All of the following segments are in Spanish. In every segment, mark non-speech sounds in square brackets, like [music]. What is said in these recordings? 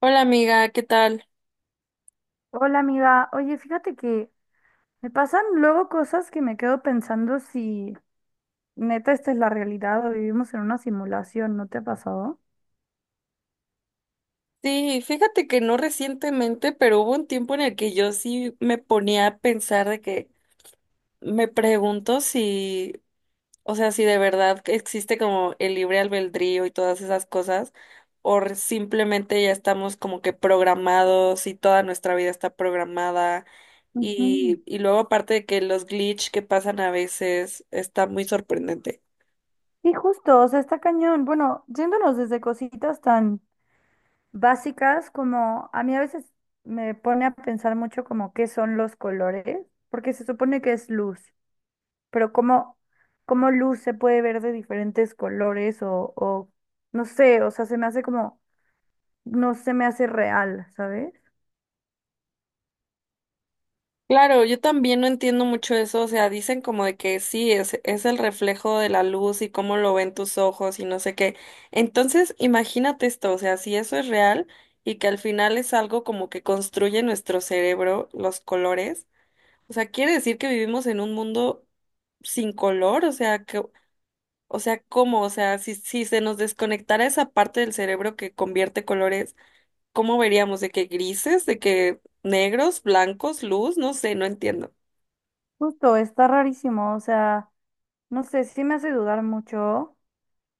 Hola amiga, ¿qué tal? Hola amiga, oye, fíjate que me pasan luego cosas que me quedo pensando si neta esta es la realidad o vivimos en una simulación, ¿no te ha pasado? Sí, fíjate que no recientemente, pero hubo un tiempo en el que yo sí me ponía a pensar de que me pregunto si, o sea, si de verdad que existe como el libre albedrío y todas esas cosas, o simplemente ya estamos como que programados y toda nuestra vida está programada. Ujú. Y luego aparte de que los glitch que pasan a veces está muy sorprendente. Y justo, o sea, está cañón. Bueno, yéndonos desde cositas tan básicas como a mí a veces me pone a pensar mucho como qué son los colores, porque se supone que es luz, pero cómo luz se puede ver de diferentes colores o no sé, o sea, se me hace como, no se me hace real, ¿sabes? Claro, yo también no entiendo mucho eso, o sea, dicen como de que sí, es el reflejo de la luz y cómo lo ven tus ojos y no sé qué. Entonces, imagínate esto, o sea, si eso es real y que al final es algo como que construye nuestro cerebro, los colores, o sea, quiere decir que vivimos en un mundo sin color, o sea, que, o sea, ¿cómo? O sea, si se nos desconectara esa parte del cerebro que convierte colores, ¿cómo veríamos? ¿De que grises? ¿De que negros, blancos, luz? No sé, no entiendo. Justo, está rarísimo, o sea, no sé, sí me hace dudar mucho.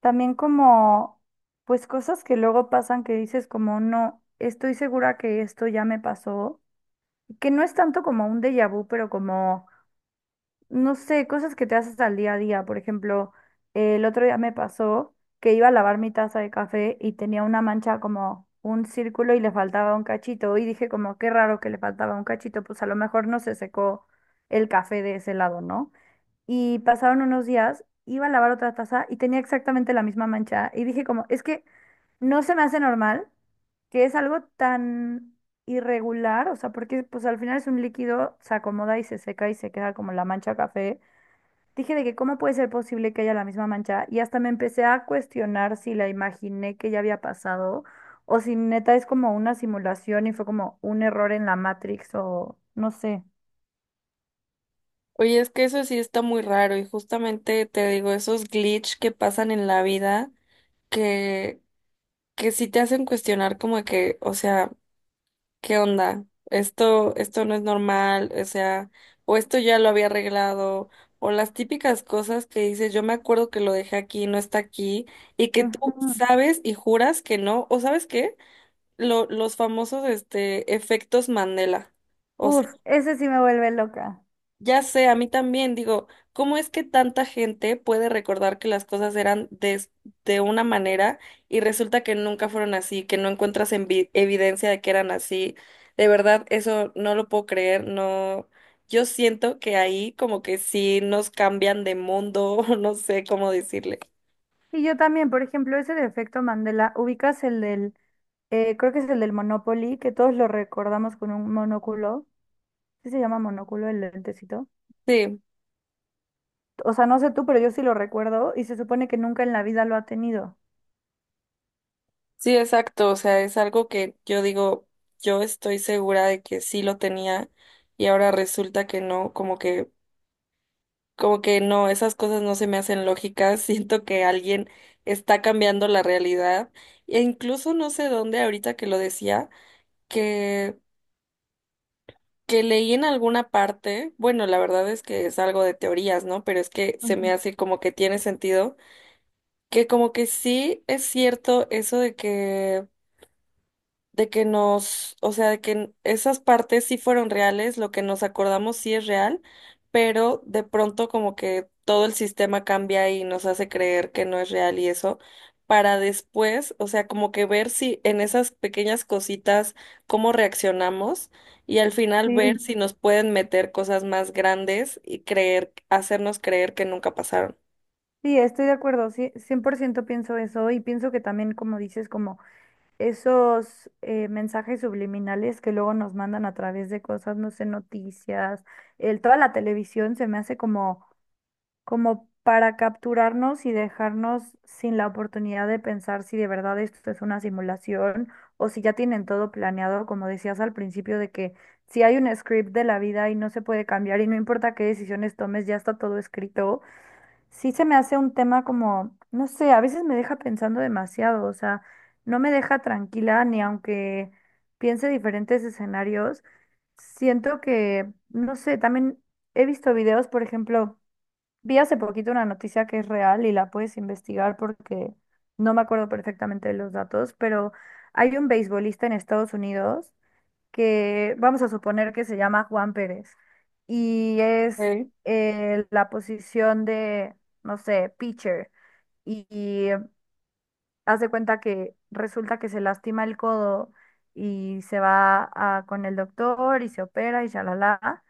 También como, pues cosas que luego pasan que dices como, no, estoy segura que esto ya me pasó, que no es tanto como un déjà vu, pero como, no sé, cosas que te haces al día a día. Por ejemplo, el otro día me pasó que iba a lavar mi taza de café y tenía una mancha como un círculo y le faltaba un cachito y dije como, qué raro que le faltaba un cachito, pues a lo mejor no se secó el café de ese lado, ¿no? Y pasaron unos días, iba a lavar otra taza y tenía exactamente la misma mancha y dije como, es que no se me hace normal que es algo tan irregular, o sea, porque pues al final es un líquido, se acomoda y se seca y se queda como la mancha café. Dije de que cómo puede ser posible que haya la misma mancha y hasta me empecé a cuestionar si la imaginé que ya había pasado o si neta es como una simulación y fue como un error en la Matrix o no sé. Oye, es que eso sí está muy raro y justamente te digo, esos glitch que pasan en la vida que, que sí te hacen cuestionar como que, o sea, ¿qué onda? Esto no es normal, o sea, o esto ya lo había arreglado, o las típicas cosas que dices, yo me acuerdo que lo dejé aquí, no está aquí, y que tú Ujú. sabes y juras que no, o ¿sabes qué? Los famosos, este, efectos Mandela. Uf, ese sí me vuelve loca. Ya sé, a mí también digo, ¿cómo es que tanta gente puede recordar que las cosas eran de una manera y resulta que nunca fueron así, que no encuentras evidencia de que eran así? De verdad, eso no lo puedo creer, no. Yo siento que ahí como que sí nos cambian de mundo, [laughs] no sé cómo decirle. Y yo también, por ejemplo, ese de efecto Mandela, ubicas el del, creo que es el del Monopoly, que todos lo recordamos con un monóculo. ¿Sí se llama monóculo el lentecito? Sí, O sea, no sé tú, pero yo sí lo recuerdo y se supone que nunca en la vida lo ha tenido. sí, exacto, o sea, es algo que yo digo, yo estoy segura de que sí lo tenía y ahora resulta que no, como que no, esas cosas no se me hacen lógicas, [laughs] siento que alguien está cambiando la realidad e incluso no sé dónde ahorita que lo decía, que que leí en alguna parte, bueno, la verdad es que es algo de teorías, ¿no? Pero es que se me Ujú. hace como que tiene sentido, que como que sí es cierto eso de que nos, o sea, de que esas partes sí fueron reales, lo que nos acordamos sí es real, pero de pronto como que todo el sistema cambia y nos hace creer que no es real y eso, para después, o sea, como que ver si en esas pequeñas cositas cómo reaccionamos y al final ver Sí, si nos pueden meter cosas más grandes y creer, hacernos creer que nunca pasaron. sí, estoy de acuerdo, sí, 100% pienso eso y pienso que también, como dices, como esos mensajes subliminales que luego nos mandan a través de cosas, no sé, noticias, el, toda la televisión se me hace como para capturarnos y dejarnos sin la oportunidad de pensar si de verdad esto es una simulación o si ya tienen todo planeado, como decías al principio, de que si hay un script de la vida y no se puede cambiar y no importa qué decisiones tomes, ya está todo escrito, sí se me hace un tema como, no sé, a veces me deja pensando demasiado, o sea, no me deja tranquila ni aunque piense diferentes escenarios. Siento que, no sé, también he visto videos, por ejemplo, vi hace poquito una noticia que es real y la puedes investigar porque no me acuerdo perfectamente de los datos, pero hay un beisbolista en Estados Unidos que vamos a suponer que se llama Juan Pérez y es Ok, la posición de, no sé, pitcher y haz de cuenta que resulta que se lastima el codo y se va con el doctor y se opera y ya la.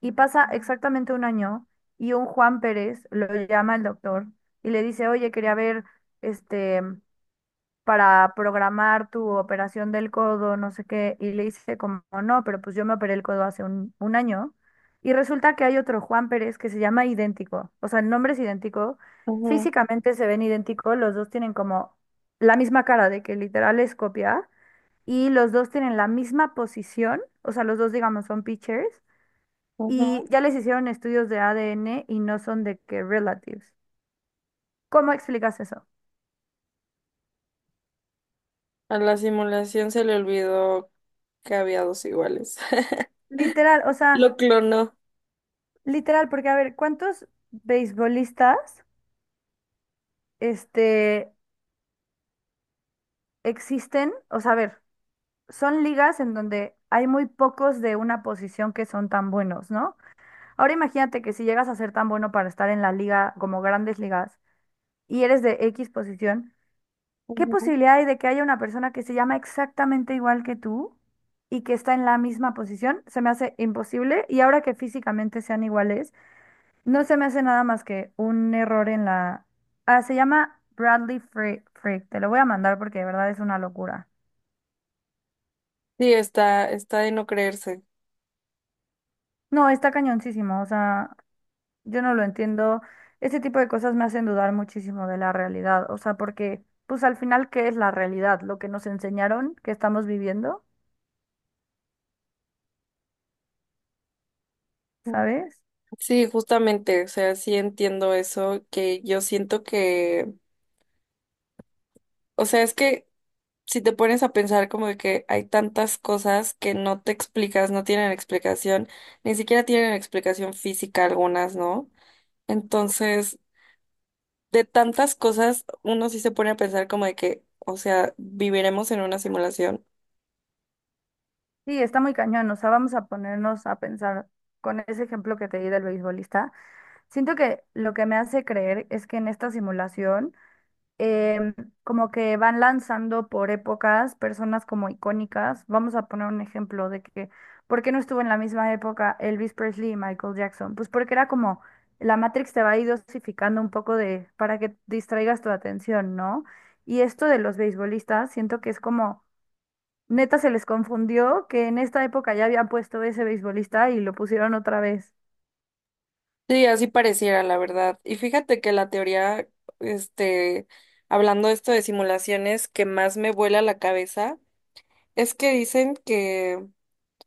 Y pasa exactamente un año y un Juan Pérez lo llama el doctor y le dice, oye, quería ver, este, para programar tu operación del codo, no sé qué. Y le dice como, no, pero pues yo me operé el codo hace un año. Y resulta que hay otro Juan Pérez que se llama idéntico. O sea, el nombre es idéntico. ujú, Físicamente se ven idénticos. Los dos tienen como la misma cara de que literal es copia. Y los dos tienen la misma posición. O sea, los dos, digamos, son pitchers ujú. y ya les hicieron estudios de ADN y no son de que relatives. ¿Cómo explicas eso? A la simulación se le olvidó que había dos iguales. [laughs] Literal, o Lo sea, clonó. literal, porque a ver, ¿cuántos beisbolistas este, existen? O sea, a ver, son ligas en donde hay muy pocos de una posición que son tan buenos, ¿no? Ahora imagínate que si llegas a ser tan bueno para estar en la liga como grandes ligas y eres de X posición, ¿qué Ujú. posibilidad hay de que haya una persona que se llama exactamente igual que tú y que está en la misma posición? Se me hace imposible y ahora que físicamente sean iguales, no se me hace nada más que un error en la... Ah, se llama Bradley Freak. Te lo voy a mandar porque de verdad es una locura. Sí, está de no creerse. No, está cañoncísimo. O sea, yo no lo entiendo. Ese tipo de cosas me hacen dudar muchísimo de la realidad. O sea, porque, pues al final, ¿qué es la realidad? Lo que nos enseñaron, que estamos viviendo, Ujú. ¿sabes? Sí, justamente, o sea, sí entiendo eso, que yo siento que, o sea, es que si te pones a pensar como de que hay tantas cosas que no te explicas, no tienen explicación, ni siquiera tienen explicación física algunas, ¿no? Entonces, de tantas cosas, uno sí se pone a pensar como de que, o sea, viviremos en una simulación. Sí, está muy cañón. O sea, vamos a ponernos a pensar con ese ejemplo que te di del beisbolista. Siento que lo que me hace creer es que en esta simulación, em, como que van lanzando por épocas personas como icónicas. Vamos a poner un ejemplo de que, ¿por qué no estuvo en la misma época Elvis Presley y Michael Jackson? Pues porque era como la Matrix te va a ir dosificando un poco de, para que distraigas tu atención, ¿no? Y esto de los beisbolistas, siento que es como neta se les confundió que en esta época ya habían puesto ese beisbolista y lo pusieron otra vez. Sí, así pareciera, la verdad. Y fíjate que la teoría, este, hablando de esto de simulaciones, que más me vuela la cabeza, es que dicen que,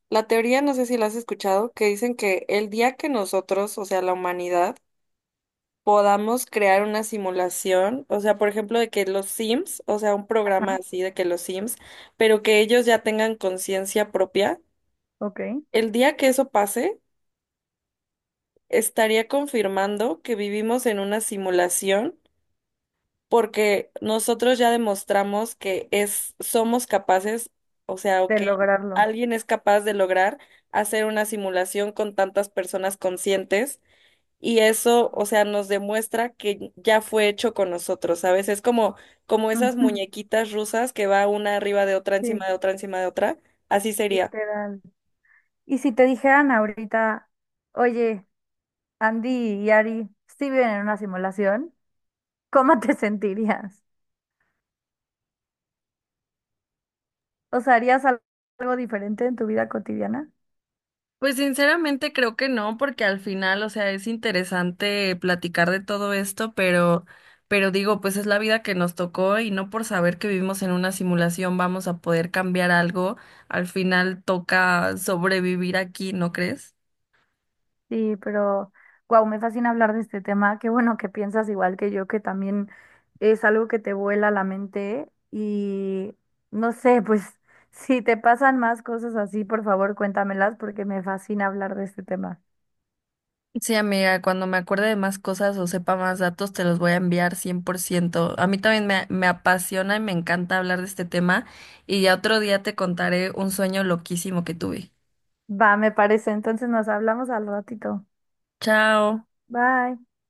la teoría, no sé si la has escuchado, que dicen que el día que nosotros, o sea, la humanidad, podamos crear una simulación, o sea, por ejemplo, de que los Sims, o sea, un programa así de que los Sims, pero que ellos ya tengan conciencia propia, Ok, de el día que eso pase, estaría confirmando que vivimos en una simulación porque nosotros ya demostramos que es, somos capaces, o sea, o que lograrlo. alguien es capaz de lograr hacer una simulación con tantas personas conscientes y eso, o sea, nos demuestra que ya fue hecho con nosotros, ¿sabes? Es como, como esas Ujú, [laughs] muñequitas rusas que va una arriba de otra, encima sí, de otra, encima de otra, así sería. literal. Y si te dijeran ahorita, oye, Andy y Ari, si viven en una simulación, ¿cómo te [laughs] sentirías? O sea, ¿harías algo diferente en tu vida cotidiana? Pues sinceramente creo que no, porque al final, o sea, es interesante platicar de todo esto, pero digo, pues es la vida que nos tocó y no por saber que vivimos en una simulación vamos a poder cambiar algo. Al final toca sobrevivir aquí, ¿no crees? Sí, pero wow, me fascina hablar de este tema. Qué bueno que piensas igual que yo, que también es algo que te vuela la mente. Y no sé, pues [laughs] si te pasan más cosas así, por favor, cuéntamelas porque me fascina hablar de este tema. Sí, amiga, cuando me acuerde de más cosas o sepa más datos, te los voy a enviar 100%. A mí también me apasiona y me encanta hablar de este tema y ya otro día te contaré un sueño loquísimo que tuve. Va, me parece. Entonces nos hablamos al ratito. Chao. Bye.